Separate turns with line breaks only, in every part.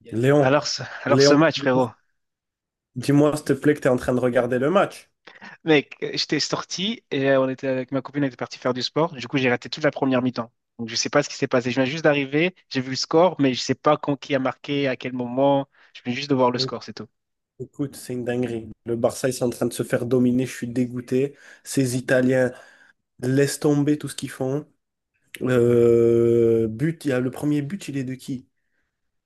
Il y a- Léon,
Alors, ce
Léon,
match, frérot.
dis-moi s'il te plaît que tu es en train de regarder le match.
Mec, j'étais sorti et on était avec ma copine, on était parti faire du sport. Du coup, j'ai raté toute la première mi-temps. Donc, je sais pas ce qui s'est passé. Je viens juste d'arriver, j'ai vu le score, mais je sais pas quand qui a marqué, à quel moment. Je viens juste de voir le
Donc,
score, c'est tout.
Écoute, c'est une dinguerie. Le Barça, ils sont en train de se faire dominer. Je suis dégoûté. Ces Italiens laissent tomber tout ce qu'ils font. But, il y a le premier but, il est de qui?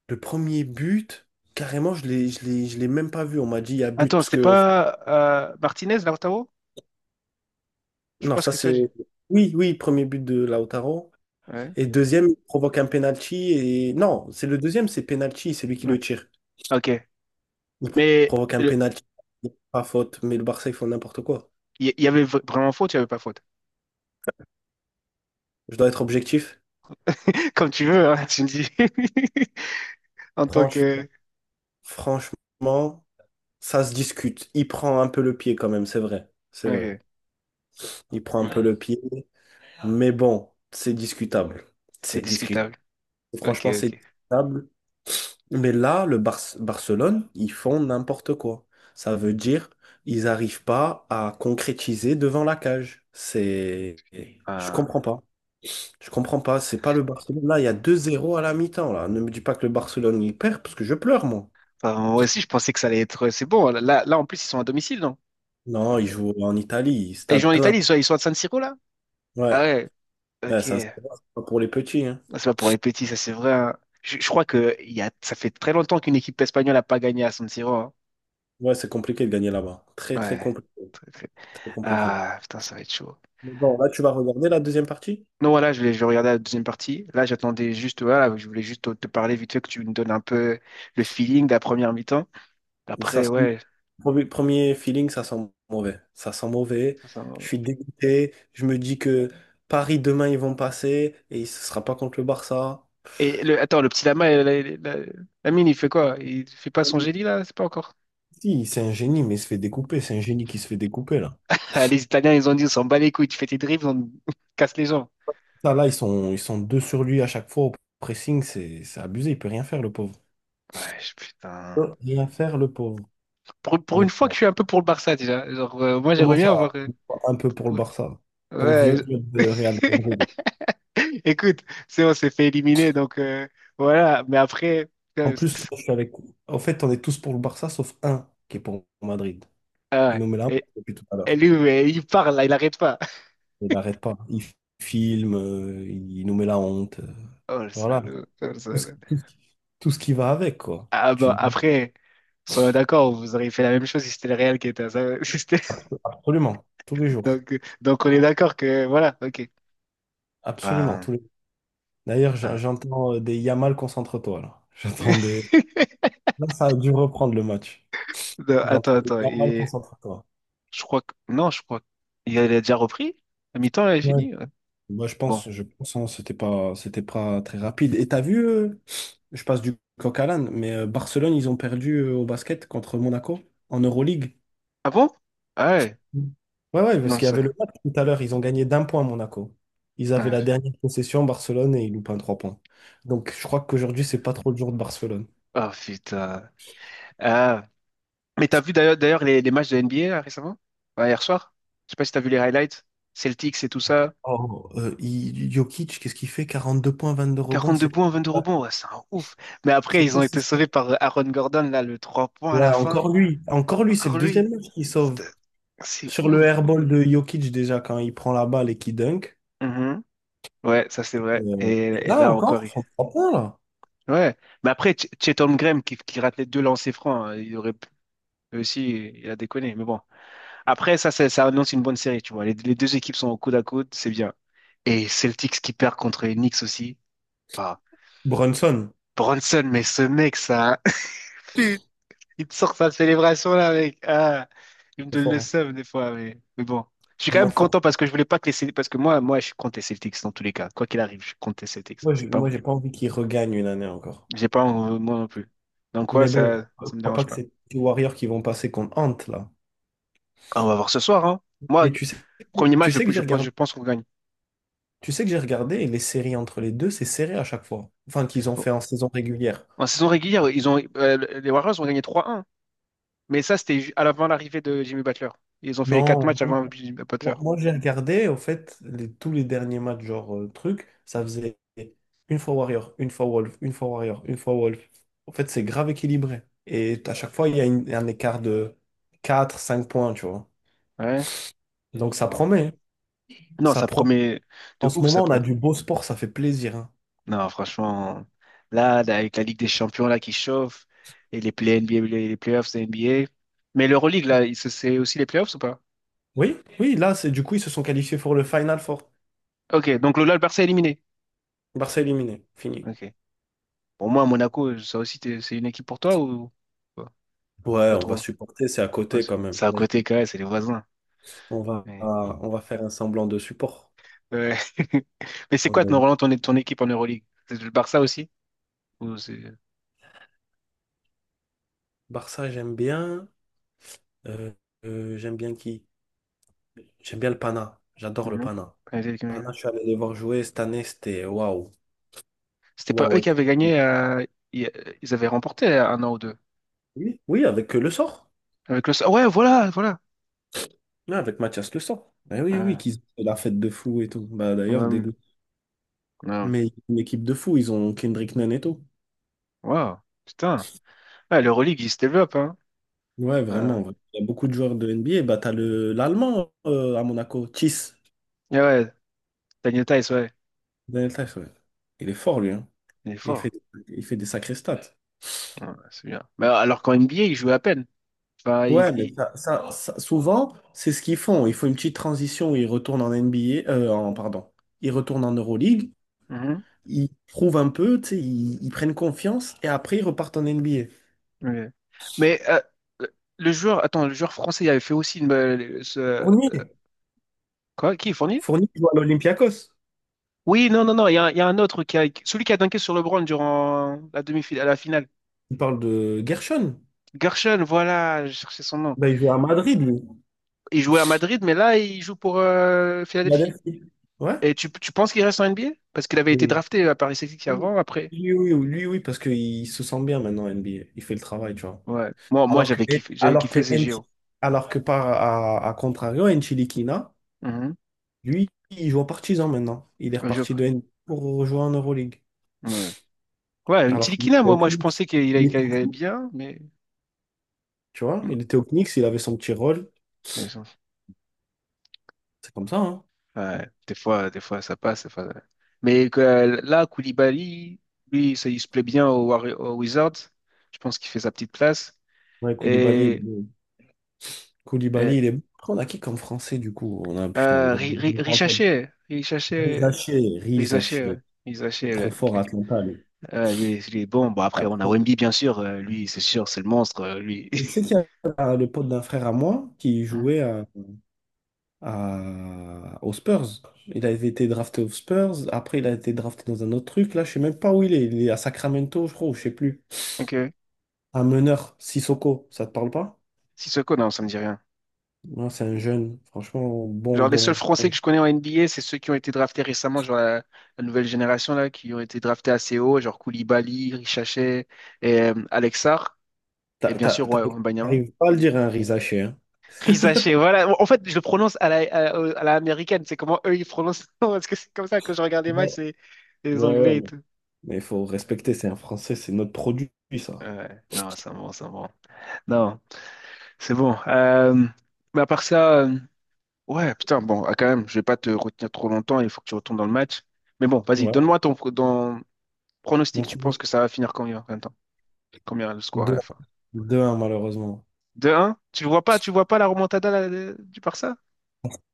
Le premier but, carrément, je l'ai même pas vu. On m'a dit il y a but
Attends,
parce
c'était
que
pas Martinez, Lautaro? Je
non,
pense
ça
que ça,
c'est
j'ai.
oui, oui, premier but de Lautaro.
Ouais.
Et deuxième, il provoque un penalty. Et non, c'est le deuxième, c'est penalty, c'est lui qui
Ouais.
le tire.
Ok.
Ils
Mais
provoquent un
il
pénalty, pas faute, mais le Barça, ils font n'importe quoi.
y, y avait vraiment faute, il y avait pas faute.
Je dois être objectif.
Comme tu veux, hein, tu me dis. En tant
Franch-
que.
franchement, ça se discute. Il prend un peu le pied quand même, c'est vrai. C'est vrai.
Ok.
Il prend un peu
Ouais.
le pied, mais bon, c'est discutable.
C'est
C'est discutable.
discutable. Ok,
Franchement, c'est discutable. Mais là, Barcelone, ils font n'importe quoi. Ça veut dire, ils n'arrivent pas à concrétiser devant la cage. C'est... Je comprends
ok.
pas. Je comprends pas, c'est pas le Barcelone. Là, il y a deux zéro à la mi-temps, là. Ne me dis pas que le Barcelone il perd parce que je pleure, moi.
Enfin, moi aussi, je pensais que ça allait être. C'est bon. Là, là, en plus, ils sont à domicile, non?
Non, il joue en Italie,
Et ils jouent
stade
en
plein.
Italie, ils sont à San Siro, là? Ah
Ouais.
ouais,
Ouais,
ok.
c'est un stade, c'est pas pour les petits, hein.
Ah, c'est pas pour les petits, ça, c'est vrai. Hein. Je crois que ça fait très longtemps qu'une équipe espagnole n'a pas gagné à San Siro. Hein.
Ouais, c'est compliqué de gagner là-bas. Très, très
Ouais.
compliqué.
Très, très-
Très compliqué.
Ah, putain, ça va être chaud.
Mais bon, là, tu vas regarder la deuxième partie?
Non, voilà, je vais regarder la deuxième partie. Là, j'attendais juste, voilà, je voulais juste te parler vite fait que tu me donnes un peu le feeling de la première mi-temps.
Ça
Après,
sent-
ouais.
Premier premier feeling, ça sent mauvais. Ça sent mauvais.
Ça, ça,
Je
ouais.
suis dégoûté. Je me dis que Paris, demain, ils vont passer et ce sera pas contre le Barça.
Et le, attends, le petit Lama, Lamine, il fait quoi? Il fait pas son génie, là? C'est pas encore.
Si, c'est un génie, mais il se fait découper. C'est un génie qui se fait découper, là.
Ah, les Italiens, ils ont dit, on s'en bat les couilles, tu fais tes dribbles, on casse les gens.
Ça, là, ils sont deux sur lui à chaque fois au pressing, c'est abusé, il peut rien faire, le pauvre.
Ouais,
Il
putain.
peut rien faire, le pauvre.
Pour
Mais
une fois que
bon,
je suis un peu pour le Barça déjà. Genre, moi, j'aimerais
comment ça,
bien avoir.
un peu pour le
Pour-
Barça, ton
Ouais,
vieux club de Real
je-
Madrid.
écoute, c'est on s'est fait éliminer, donc voilà. Mais après,
En
putain,
plus, là, je suis avec... En fait, on est tous pour le Barça, sauf un qui est pour Madrid. Il nous met la honte
et,
depuis tout à
et
l'heure.
lui, ouais, il parle, là, il arrête pas.
Il n'arrête pas. Il filme, il nous met la honte.
Oh le
Voilà.
salaud, oh, le
Tout ce,
salaud.
tout ce- tout ce qui va avec, quoi.
Ah bah
Tu te dis
après, soyons d'accord, vous auriez fait la même chose si c'était le Real qui était à ça. si c'était-
absolument, tous les jours.
Donc, donc on est d'accord que voilà, ok.
Absolument,
Ben,
tous les d'ailleurs,
hein.
j'entends des Yamal, concentre-toi là. J'entends des. Là, ça a dû reprendre le match.
Non, attends,
J'entends des
attends.
Yamal,
Et
concentre-toi.
je crois que. Non, je crois qu'il a déjà repris. À mi-temps, il a
Ouais.
fini. Ouais.
Moi,
Bon.
je pense, hein, c'était pas très rapide. Et t'as vu, je passe du coq à l'âne, mais Barcelone, ils ont perdu au basket contre Monaco en Euroleague.
Ah bon? Ah ouais.
Mm. Ouais, ouais, parce
Non,
qu'il y avait le
ça.
match tout à l'heure, ils ont gagné d'un point Monaco. Ils avaient
Ah,
la dernière possession, Barcelone, et ils loupent un trois points. Donc, je crois qu'aujourd'hui, c'est pas trop le jour de Barcelone.
oh putain. Ah. Mais t'as vu d'ailleurs les matchs de NBA là, récemment? Ouais, hier soir? Je sais pas si t'as vu les highlights. Celtics et tout ça.
Oh, Jokic, qu'est-ce qu'il fait? 42 points, 22 rebonds,
42
c'est quoi?
points, 22 rebonds. Ouais, c'est un ouf. Mais après,
C'est
ils ont
quoi ce
été
score.
sauvés par Aaron Gordon, là, le 3 points à la
Ouais,
fin.
encore lui. Encore lui, c'est le
Encore lui.
deuxième match qu'il
C'est
sauve.
c'est
Sur le
ouf.
airball de Jokic, déjà, quand il prend la balle et qu'il dunk.
Mhm. Ouais, ça c'est vrai. Et,
Et
et
là
là encore,
encore, son trois points, là.
ouais, mais après, Chet Holmgren qui rate les deux lancers francs, hein, il aurait pu lui aussi, il a déconné. Mais bon, après, ça annonce une bonne série, tu vois. Les deux équipes sont au coude à coude, c'est bien. Et Celtics qui perd contre les Knicks aussi. Ah,
Brunson,
Bronson, mais ce mec, ça, il te sort sa célébration là, mec. Ah, il me
c'est
donne
fort,
le
hein.
seum des fois, mais bon. Je suis quand
Vraiment
même
fort.
content parce que je voulais pas que les Celtics, parce que moi, je suis contre les Celtics dans tous les cas. Quoi qu'il arrive, je suis contre les Celtics. C'est pas
Moi,
mon
j'ai
équipe.
pas envie qu'il regagne une année encore.
J'ai pas, moi non plus. Donc, ouais,
Mais bon,
ça,
je
ça me
crois pas
dérange
que
pas.
c'est les Warriors qui vont passer contre Ant, là.
Ah, on va voir ce soir, hein. Moi,
Mais tu sais,
premier match,
tu sais que j'ai
je pense, je
regardé,
pense qu'on gagne.
tu sais que j'ai regardé et les séries entre les deux, c'est serré à chaque fois. Enfin, qu'ils ont
Bon.
fait en saison régulière.
En saison régulière, les Warriors ont gagné 3-1. Mais ça, c'était à l'avant l'arrivée de Jimmy Butler. Ils ont fait les quatre
Non,
matchs avant Jimmy Butler.
moi, j'ai regardé, au fait, les- tous les derniers matchs, genre truc, ça faisait une fois Warrior, une fois Wolf, une fois Warrior, une fois Wolf. En fait, c'est grave équilibré. Et à chaque fois, il y a un écart de 4, 5 points, tu vois.
Ouais.
Donc ça
Non.
promet, hein.
Non,
Ça
ça
promet.
promet
En
de
ce
ouf, ça
moment, on a
pro.
du beau sport, ça fait plaisir, hein.
Non, franchement, là, là, avec la Ligue des Champions là qui chauffe et les play NBA, les playoffs de NBA. Mais l'Euroleague, là, c'est aussi les playoffs ou pas?
Oui, oui, là, c'est du coup, ils se sont qualifiés pour le Final Four.
Ok, donc le Barça est éliminé.
Barça éliminé, fini.
Ok. Pour moi, Monaco, ça aussi, c'est une équipe pour toi ou pas,
Ouais,
pas
on va
trop?
supporter, c'est à
Ouais,
côté
c'est
quand même.
c'est à
Mais
côté quand même, c'est les voisins. Mais,
On va faire un semblant de support.
ouais. Mais c'est
On
quoi,
est
Roland, ton équipe en Euroleague? C'est le Barça aussi? Ou c'est.
Barça, j'aime bien. Euh, j'aime bien qui? J'aime bien le Pana. J'adore le
Mhm.
Pana.
Ouais,
Pana, je suis allé les voir jouer cette année, c'était waouh.
C'était pas
Waouh,
eux
ouais.
qui avaient gagné, i- ils avaient remporté un an ou deux.
Oui, oui, avec Le Sort.
Avec le. Ouais, voilà, voilà.
Oui, avec Mathias Le Sort. Eh oui, oui,
Ah,
qu'ils ont fait la fête de fou et tout. Bah, d'ailleurs,
hum,
dégoût.
non.
Mais une équipe de fou, ils ont Kendrick Nunn et tout.
Wow, putain. Ouais, l'Euroleague, il se développe, hein.
Ouais,
Ah.
vraiment, ouais. Il y a beaucoup de joueurs de NBA. Bah, t'as le l'Allemand à Monaco, Thies.
Ouais, ouais, Daniel Tice, ouais,
Daniel Theis, ouais. Il est fort, lui, hein.
il est
Il fait,
fort.
il fait des sacrés stats.
Ouais, c'est bien. Mais alors qu'en NBA, il joue à peine. Enfin, il...
Ouais, mais
il-
souvent, c'est ce qu'ils font. Ils font une petite transition où ils retournent en NBA, pardon, ils retournent en Euroleague,
Mhm.
ils prouvent un peu, tu sais, ils prennent confiance et après ils repartent en NBA.
Ok. Mais le joueur, attends, le joueur français, il avait fait aussi
Fournier,
quoi? Qui est Fournier?
Fournier joue à l'Olympiakos.
Oui, non, non, non, il y a un autre celui qui a dunké sur LeBron durant la demi-finale, la finale.
Il parle de Gershon.
Gershon, voilà, je cherchais son nom.
Ben, il joue à Madrid, lui.
Il jouait à Madrid, mais là, il joue pour Philadelphie.
Philadelphie. Ouais.
Et tu penses qu'il reste en NBA? Parce qu'il avait été
Oui.
drafté à Paris Celtics avant, après.
Lui, oui, oui, lui, oui, parce qu'il se sent bien maintenant en NBA. Il fait le travail, tu vois.
Ouais. Moi,
Alors que,
j'avais kiffé, j'avais
alors que,
kiffé ces
Nchi-
JO.
alors que par à contrario, Enchilikina.
Mhm.
Lui, il joue en partisan maintenant. Il est
Le jeu.
reparti de N B A pour rejoindre en Euroleague.
Ouais. Ouais, une
Alors qu'il
Tilikina,
était
moi,
au
moi, je
Knicks.
pensais qu'il allait
Il
qu'il
était au
allait
Knicks.
bien, mais.
Tu vois, il était au Knicks, il avait son petit rôle.
Ouais.
C'est comme ça, hein.
Ouais, des fois ça passe. Des fois, ouais. Mais là, Koulibaly, lui, ça, il se plaît bien au Wizards. Je pense qu'il fait sa petite place.
Ouais, Koulibaly, il est...
Et,
bon. Koulibaly,
et
il est... bon. Après, on a qui comme français, du coup? On a, putain,
euh,
gros-
Ri- Ri-
on parle pas de-
Richaché, Richaché,
Rizaché,
Richaché,
Rizaché.
ouais. Richaché,
Trop
ouais,
fort à
ok.
Atlanta, lui.
Ouais, lui, il est bon. Bon, après, on a Wemby, bien sûr. Lui, c'est sûr, c'est le monstre, lui.
Tu sais qu'il y a le pote d'un frère à moi qui
Hein?
jouait à- aux Spurs. Il avait été drafté aux Spurs. Après, il a été drafté dans un autre truc. Là, je sais même pas où il est. Il est à Sacramento, je crois, ou je sais plus.
Ok.
Un meneur, Sissoko, ça te parle pas?
Sissoko, non, ça me dit rien.
Non, c'est un jeune. Franchement, bon,
Genre, les seuls
bon,
Français
bon.
que je connais en NBA, c'est ceux qui ont été draftés récemment, genre la nouvelle génération, là, qui ont été draftés assez haut, genre Koulibaly, Richachet et Alex Sarr, et
T'a-
bien
t'a-
sûr,
t'a-
ouais, Wembanyama.
T'arrives pas à le dire à un Rizaché, hein?
Richachet, voilà. En fait, je le prononce à la américaine, c'est comment eux, ils prononcent. Parce que c'est comme ça, quand je regarde les matchs,
Ouais,
c'est les
ouais, ouais.
Anglais et
Mais
tout.
il faut respecter, c'est un Français, c'est notre produit, ça.
Ouais, non, c'est bon, c'est bon. Non, c'est bon. Mais à part ça, ouais, putain, bon, ah, quand même, je vais pas te retenir trop longtemps, il faut que tu retournes dans le match. Mais bon, vas-y,
Ouais.
donne-moi ton, dans,
Mon
Pronostic, tu penses
produit.
que ça va finir combien? Combien le score à la fin?
Deux. 1 malheureusement.
2 un. Tu vois pas la remontada là, du Barça?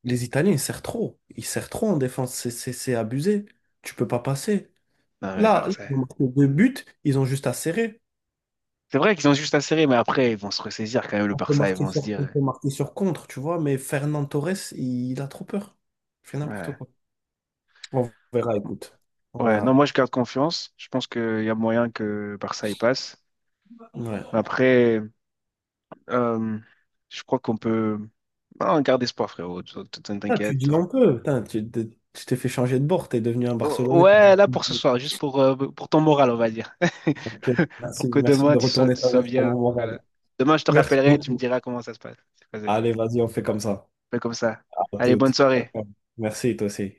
Les Italiens, ils serrent trop. Ils serrent trop en défense. C'est abusé. Tu peux pas passer.
Non, mais le
Là, là,
Barça.
ils ont marqué deux buts, ils ont juste à serrer.
C'est vrai qu'ils ont juste à serrer, mais après, ils vont se ressaisir quand même, le Barça. Ils vont se
On
dire.
peut marquer sur contre, tu vois, mais Fernand Torres, il a trop peur. Il fait n'importe
Ouais.
quoi. On verra, écoute.
Ouais,
On
ouais, non,
verra.
moi, je garde confiance. Je pense qu'il y a moyen que le Barça y passe.
Ouais.
Après, euh, je crois qu'on peut. Non, garde espoir, frérot.
Ah, tu
T'inquiète.
dis un peu. Putain, tu t'es fait changer de bord, t'es devenu un Barcelonais. Ça
Ouais, là pour ce
peut
soir, juste pour ton moral, on va dire.
ok, merci,
Pour que
merci
demain,
de
tu sois,
retourner
tu
ta
sois
veste pour
bien.
mon
Voilà.
moral.
Demain, je te
Merci
rappellerai et tu me
beaucoup.
diras comment ça se passe. C'est passé.
Allez, vas-y, on fait comme ça.
Fais comme ça.
À
Allez, bonne
toutes.
soirée.
Merci, toi aussi.